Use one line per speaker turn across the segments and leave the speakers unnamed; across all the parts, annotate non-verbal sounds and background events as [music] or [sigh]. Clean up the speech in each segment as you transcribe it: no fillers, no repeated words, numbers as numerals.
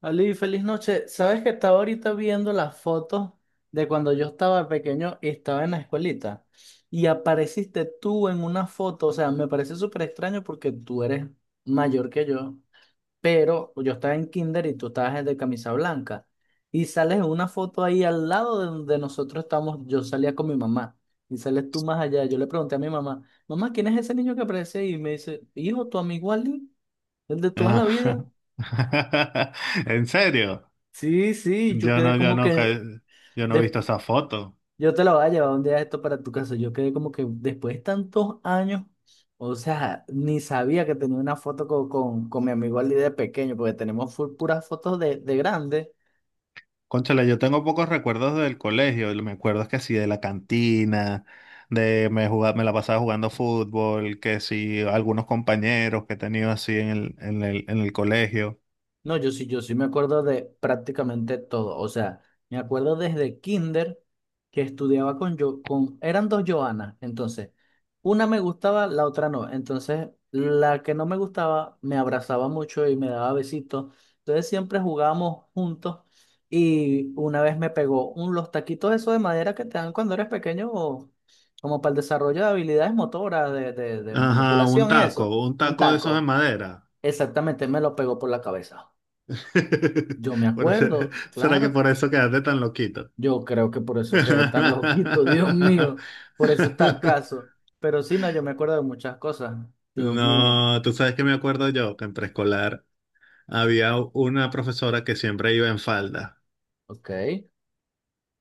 Ali, feliz noche. ¿Sabes que estaba ahorita viendo las fotos de cuando yo estaba pequeño y estaba en la escuelita? Y apareciste tú en una foto, o sea, me parece súper extraño porque tú eres mayor que yo, pero yo estaba en kinder y tú estabas de camisa blanca. Y sales en una foto ahí al lado de donde nosotros estamos, yo salía con mi mamá. Y sales tú más allá. Yo le pregunté a mi mamá, mamá, ¿quién es ese niño que aparece ahí? Y me dice, hijo, tu amigo Ali, el de toda la vida.
Ajá. [laughs] ¿En serio?
Sí, sí, yo
Yo
quedé
no, yo
como
no, ca-
que
yo no he
Des-
visto esa foto.
yo te la voy a llevar un día esto para tu casa. Yo quedé como que después de tantos años, o sea, ni sabía que tenía una foto con mi amigo Ali de pequeño, porque tenemos full puras fotos de grande.
Cónchale, yo tengo pocos recuerdos del colegio. Me acuerdo es que sí, de la cantina, de me jugaba, me la pasaba jugando fútbol, que sí, algunos compañeros que he tenido así en el colegio.
No, yo sí, yo sí me acuerdo de prácticamente todo. O sea, me acuerdo desde kinder que estudiaba con yo, con, eran dos Joanas. Entonces, una me gustaba, la otra no. Entonces, la que no me gustaba me abrazaba mucho y me daba besitos. Entonces, siempre jugábamos juntos. Y una vez me pegó un, los taquitos esos de madera que te dan cuando eres pequeño, o como para el desarrollo de habilidades motoras, de
Ajá,
manipulación y eso.
un
Un
taco de esos de
taco.
madera.
Exactamente, me lo pegó por la cabeza.
[laughs]
Yo me
Por eso-
acuerdo,
¿Será que
claro,
por eso quedaste tan loquito?
yo creo que por eso quedé tan [laughs] loquito, Dios mío, por eso está
[laughs]
acaso. Pero sí, no, yo me acuerdo de muchas cosas, Dios mío.
No, tú sabes que me acuerdo yo que en preescolar había una profesora que siempre iba en falda
Ok.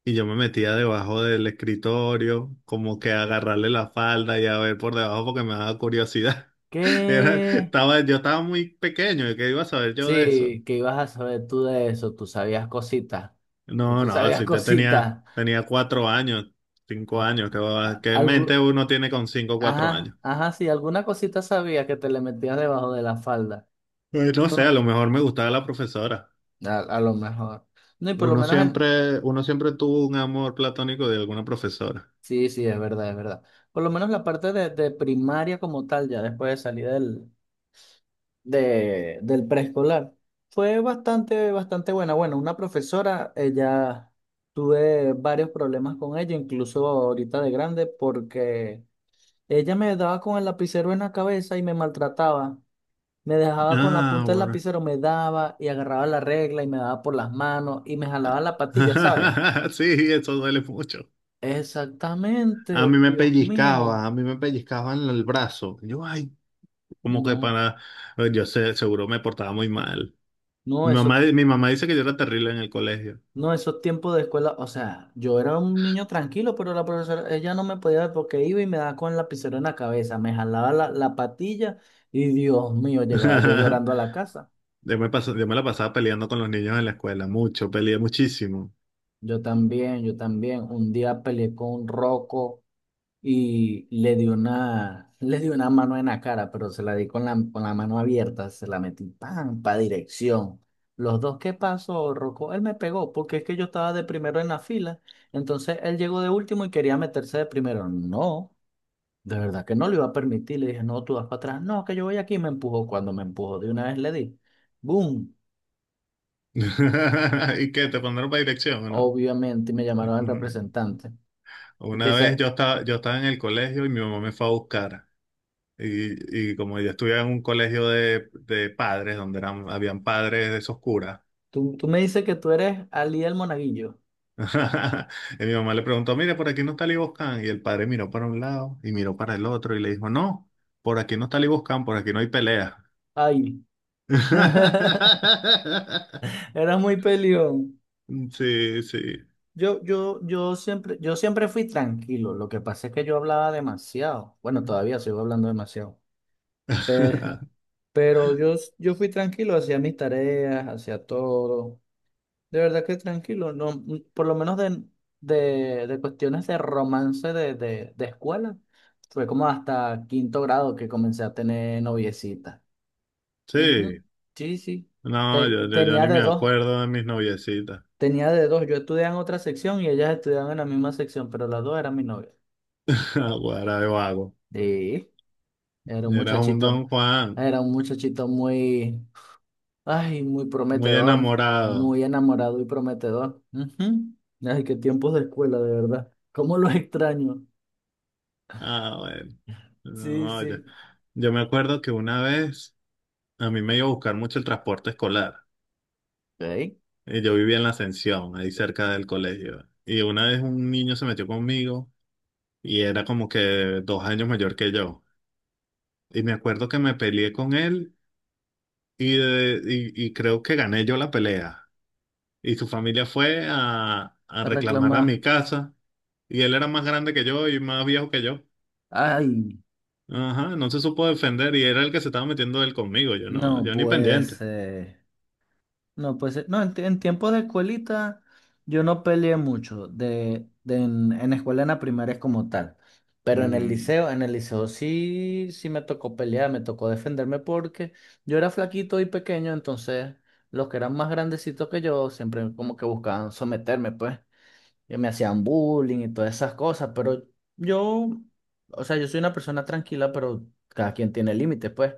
y yo me metía debajo del escritorio como que a agarrarle la falda y a ver por debajo porque me daba curiosidad. [laughs]
¿Qué?
Yo estaba muy pequeño y qué iba a saber yo de eso.
Sí, que ibas a saber tú de eso, tú sabías cositas, o
No,
tú
no,
sabías
así te tenía,
cositas.
tenía 4 años, 5 años, que, qué mente
Algo,
uno tiene con 5 o cuatro
ajá,
años.
ajá, sí, alguna cosita sabía que te le metías debajo de la falda.
Pues, no sé, a
No,
lo mejor me gustaba la profesora.
a lo mejor. No, y por lo menos en,
Uno siempre tuvo un amor platónico de alguna profesora.
sí, sí, es verdad, es verdad. Por lo menos la parte de primaria como tal, ya después de salir del preescolar, fue bastante, bastante buena. Bueno, una profesora, ella tuve varios problemas con ella, incluso ahorita de grande, porque ella me daba con el lapicero en la cabeza y me maltrataba. Me dejaba con la
Ah,
punta del
bueno.
lapicero, me daba y agarraba la regla y me daba por las manos y me jalaba la patilla, ¿sabes?
[laughs] Sí, eso duele mucho. A mí
Exactamente,
me
Dios
pellizcaba,
mío,
a mí me pellizcaban el brazo. Yo, ay, como que
no.
para, yo sé, seguro me portaba muy mal.
No, eso,
Mi mamá dice que yo era terrible en el colegio.
no, esos tiempos de escuela, o sea, yo era un niño tranquilo, pero la profesora, ella no me podía ver porque iba y me daba con el lapicero en la cabeza, me jalaba la patilla y Dios mío, llegaba yo
[laughs]
llorando a la casa.
Yo me la pasaba peleando con los niños en la escuela, mucho, peleé muchísimo.
Yo también, un día peleé con un roco. Y le dio una, [laughs] le dio una mano en la cara, pero se la di con con la mano abierta, se la metí, ¡pam!, pa' dirección. Los dos, ¿qué pasó, Rocco? Él me pegó, porque es que yo estaba de primero en la fila, entonces él llegó de último y quería meterse de primero. No, de verdad que no lo iba a permitir, le dije, no, tú vas para atrás, no, que yo voy aquí, y me empujó, cuando me empujó, de una vez le di, ¡boom!
[laughs] ¿Y qué? ¿Te mandaron para dirección o no?
Obviamente me llamaron al
[laughs]
representante. Es
Una
que
vez
se-
yo estaba en el colegio y mi mamá me fue a buscar. Y como yo estudiaba en un colegio de padres, donde eran, habían padres de esos curas,
tú me dices que tú eres Ali el Monaguillo.
[laughs] y mi mamá le preguntó, mire, por aquí no está Liboscan. Y el padre miró para un lado y miró para el otro y le dijo, no, por aquí no está Liboscan, por aquí no hay pelea.
Ay. [laughs]
[laughs]
Eras muy peleón.
Sí, sí.
Yo siempre fui tranquilo. Lo que pasa es que yo hablaba demasiado. Bueno, todavía sigo hablando demasiado. Pero,
[laughs]
pero yo fui tranquilo, hacía mis tareas, hacía todo. De verdad que tranquilo. No, por lo menos de cuestiones de romance de escuela. Fue como hasta quinto grado que comencé a tener noviecita. Ujú.
Sí.
Sí, sí.
No, yo
Tenía
ni me
de dos.
acuerdo de mis noviecitas.
Tenía de dos, yo estudiaba en otra sección y ellas estudiaban en la misma sección, pero las dos eran mi novia.
[laughs] Guara de vago.
Sí, era un
Eras un
muchachito,
Don Juan,
era un muchachito muy, ay, muy
muy
prometedor,
enamorado.
muy enamorado y prometedor. Ujú. Ay, qué tiempos de escuela, de verdad. ¿Cómo los [laughs] extraño?
Ah, bueno.
Sí,
No,
sí.
ya. Yo me acuerdo que una vez a mí me iba a buscar mucho el transporte escolar.
Ok.
Y yo vivía en la Ascensión, ahí cerca del colegio. Y una vez un niño se metió conmigo y era como que 2 años mayor que yo. Y me acuerdo que me peleé con él y, de- y creo que gané yo la pelea. Y su familia fue a
A
reclamar a
reclamar.
mi casa. Y él era más grande que yo y más viejo que yo.
Ay,
Ajá, no se supo defender y era el que se estaba metiendo él conmigo. Yo no,
no
yo ni
puede
pendiente.
ser. No, pues no, en tiempo de escuelita yo no peleé mucho en escuela en la primaria como tal. Pero
Ujú.
en el liceo sí, sí me tocó pelear, me tocó defenderme porque yo era flaquito y pequeño, entonces los que eran más grandecitos que yo siempre como que buscaban someterme, pues, y me hacían bullying y todas esas cosas, pero yo, o sea, yo soy una persona tranquila, pero cada quien tiene límites, pues.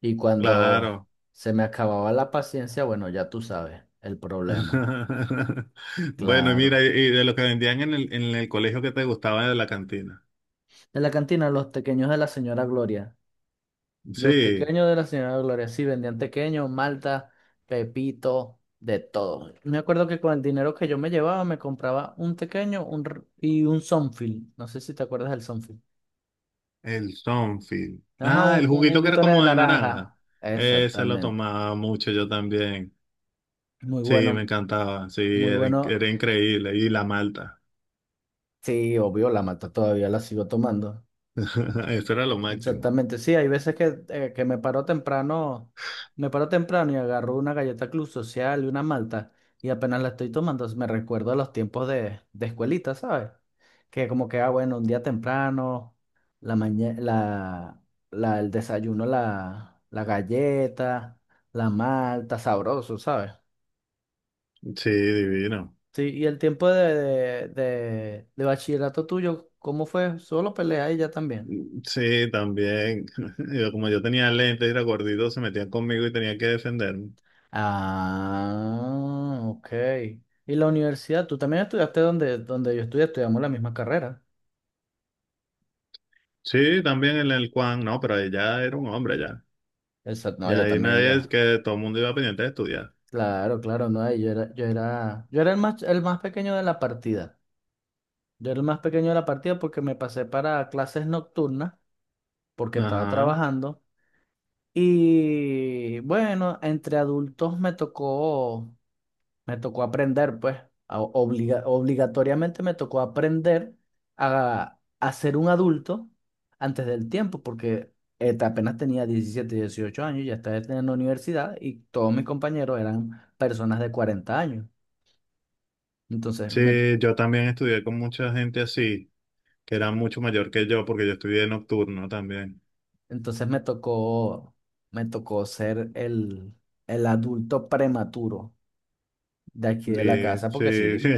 Y cuando
Claro.
se me acababa la paciencia, bueno, ya tú sabes el problema.
[laughs] Bueno, mira,
Claro.
y de lo que vendían en el colegio que te gustaba de la cantina.
En la cantina, los tequeños de la señora Gloria. Los
Sí,
tequeños de la señora Gloria, sí, vendían tequeños, malta, pepito, de todo. Me acuerdo que con el dinero que yo me llevaba, me compraba un tequeño y un Sonfil. No sé si te acuerdas del Sonfil.
el Sonfil.
Ajá,
Ah, el
un
juguito que era
juguito de
como de naranja.
naranja.
Ese lo
Exactamente.
tomaba mucho yo también.
Muy
Sí, me
bueno,
encantaba. Sí,
muy bueno.
era increíble. Y la malta.
Sí, obvio, la mata todavía la sigo tomando.
[laughs] Eso era lo máximo.
Exactamente, sí, hay veces que me paro temprano y agarro una galleta Club Social y una malta y apenas la estoy tomando me recuerdo los tiempos de escuelita, ¿sabes? Que como que, ah, bueno, un día temprano, la mañana, el desayuno, la galleta, la malta, sabroso, ¿sabes?
Sí, divino.
Sí, y el tiempo de bachillerato tuyo, ¿cómo fue? ¿Solo peleas y ya también?
Sí, también. [laughs] Yo, como yo tenía lentes y era gordito, se metían conmigo y tenía que defenderme.
Ah, ok. ¿Y la universidad? ¿Tú también estudiaste donde, donde yo estudié? Estudiamos la misma carrera.
Sí, también en el Juan. No, pero ella era un hombre.
Exacto. No,
Ya
yo
ahí
también
nadie es
ya.
que todo el mundo iba pendiente de estudiar.
Claro, claro, no. Y yo era el más pequeño de la partida. Yo era el más pequeño de la partida porque me pasé para clases nocturnas, porque estaba
Ajá.
trabajando. Y bueno, entre adultos me tocó. Me tocó aprender, pues, obligatoriamente me tocó aprender a ser un adulto antes del tiempo, porque apenas tenía 17 o 18 años, ya estaba en la universidad y todos mis compañeros eran personas de 40 años. Entonces me,
Sí, yo también estudié con mucha gente así, que era mucho mayor que yo, porque yo estudié nocturno también.
entonces me tocó ser el adulto prematuro de aquí de la casa, porque
Sí, [laughs] sí.
sí.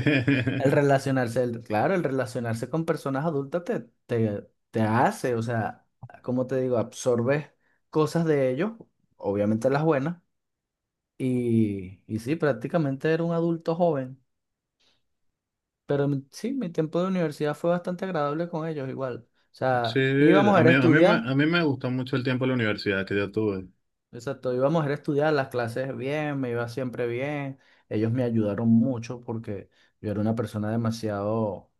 El relacionarse, el- claro, el relacionarse con personas adultas te hace, o sea, como te digo, absorbes cosas de ellos, obviamente las buenas, y sí, prácticamente era un adulto joven, pero sí, mi tiempo de universidad fue bastante agradable con ellos igual. O
Sí,
sea, íbamos a ir a estudiar,
a mí me gustó mucho el tiempo en la universidad que yo tuve.
exacto, íbamos a ir a estudiar las clases bien, me iba siempre bien, ellos me ayudaron mucho porque yo era una persona demasiado,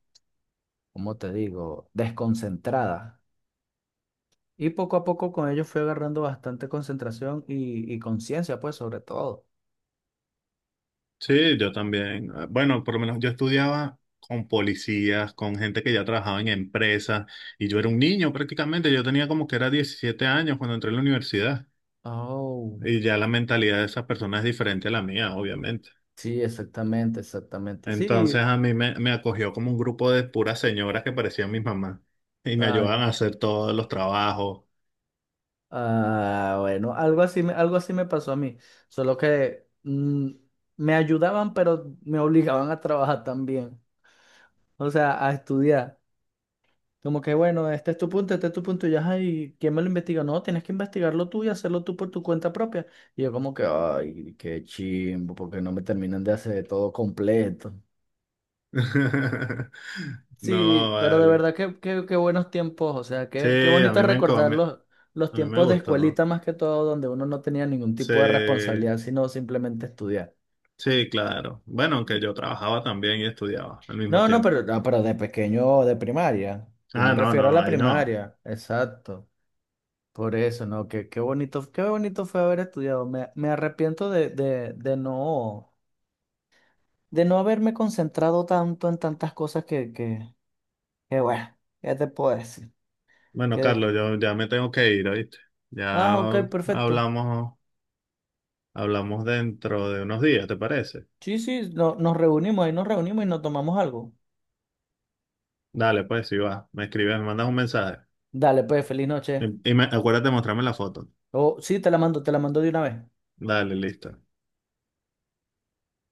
¿cómo te digo?, desconcentrada. Y poco a poco con ello fui agarrando bastante concentración y conciencia, pues, sobre todo.
Sí, yo también. Ah, bueno, por lo menos yo estudiaba con policías, con gente que ya trabajaba en empresas, y yo era un niño prácticamente. Yo tenía como que era 17 años cuando entré a la universidad.
Oh,
Y ya la mentalidad de esas personas es diferente a la mía, obviamente.
sí, exactamente, exactamente.
Entonces
Sí,
a mí me, me acogió como un grupo de puras señoras que parecían mis mamás y me ayudaban
ay,
a hacer todos los trabajos.
ah, bueno, algo así, algo así me pasó a mí, solo que me ayudaban, pero me obligaban a trabajar también, o sea, a estudiar. Como que, bueno, este es tu punto, este es tu punto, y ya, ay, ¿quién me lo investiga? No, tienes que investigarlo tú y hacerlo tú por tu cuenta propia. Y yo como que, ay, qué chimbo, porque no me terminan de hacer todo completo.
[laughs] No,
Sí, pero de
vale.
verdad que qué, qué buenos tiempos, o sea,
Sí,
qué, qué bonito recordar
a
los
mí me
tiempos de
gustó.
escuelita más que todo, donde uno no tenía ningún tipo de
Sí,
responsabilidad, sino simplemente estudiar.
sí, claro. Bueno, aunque yo trabajaba también y estudiaba al mismo
No, no,
tiempo.
pero, no, pero de pequeño, de primaria. Yo me
Ah, no,
refiero a
no,
la
ahí no.
primaria, exacto. Por eso, ¿no? Qué, qué bonito fue haber estudiado. Me arrepiento de no haberme concentrado tanto en tantas cosas que bueno, ¿qué te puedo decir?
Bueno,
Que,
Carlos, yo ya me tengo que ir, ¿oíste?
ah,
Ya
ok, perfecto.
hablamos, hablamos dentro de unos días, ¿te parece?
Sí, sí, nos reunimos, ahí nos reunimos y nos tomamos algo.
Dale, pues, si va, me escribes, me mandas un mensaje.
Dale, pues, feliz noche.
Acuérdate de mostrarme la foto.
O sí, te la mando de una vez.
Dale, listo.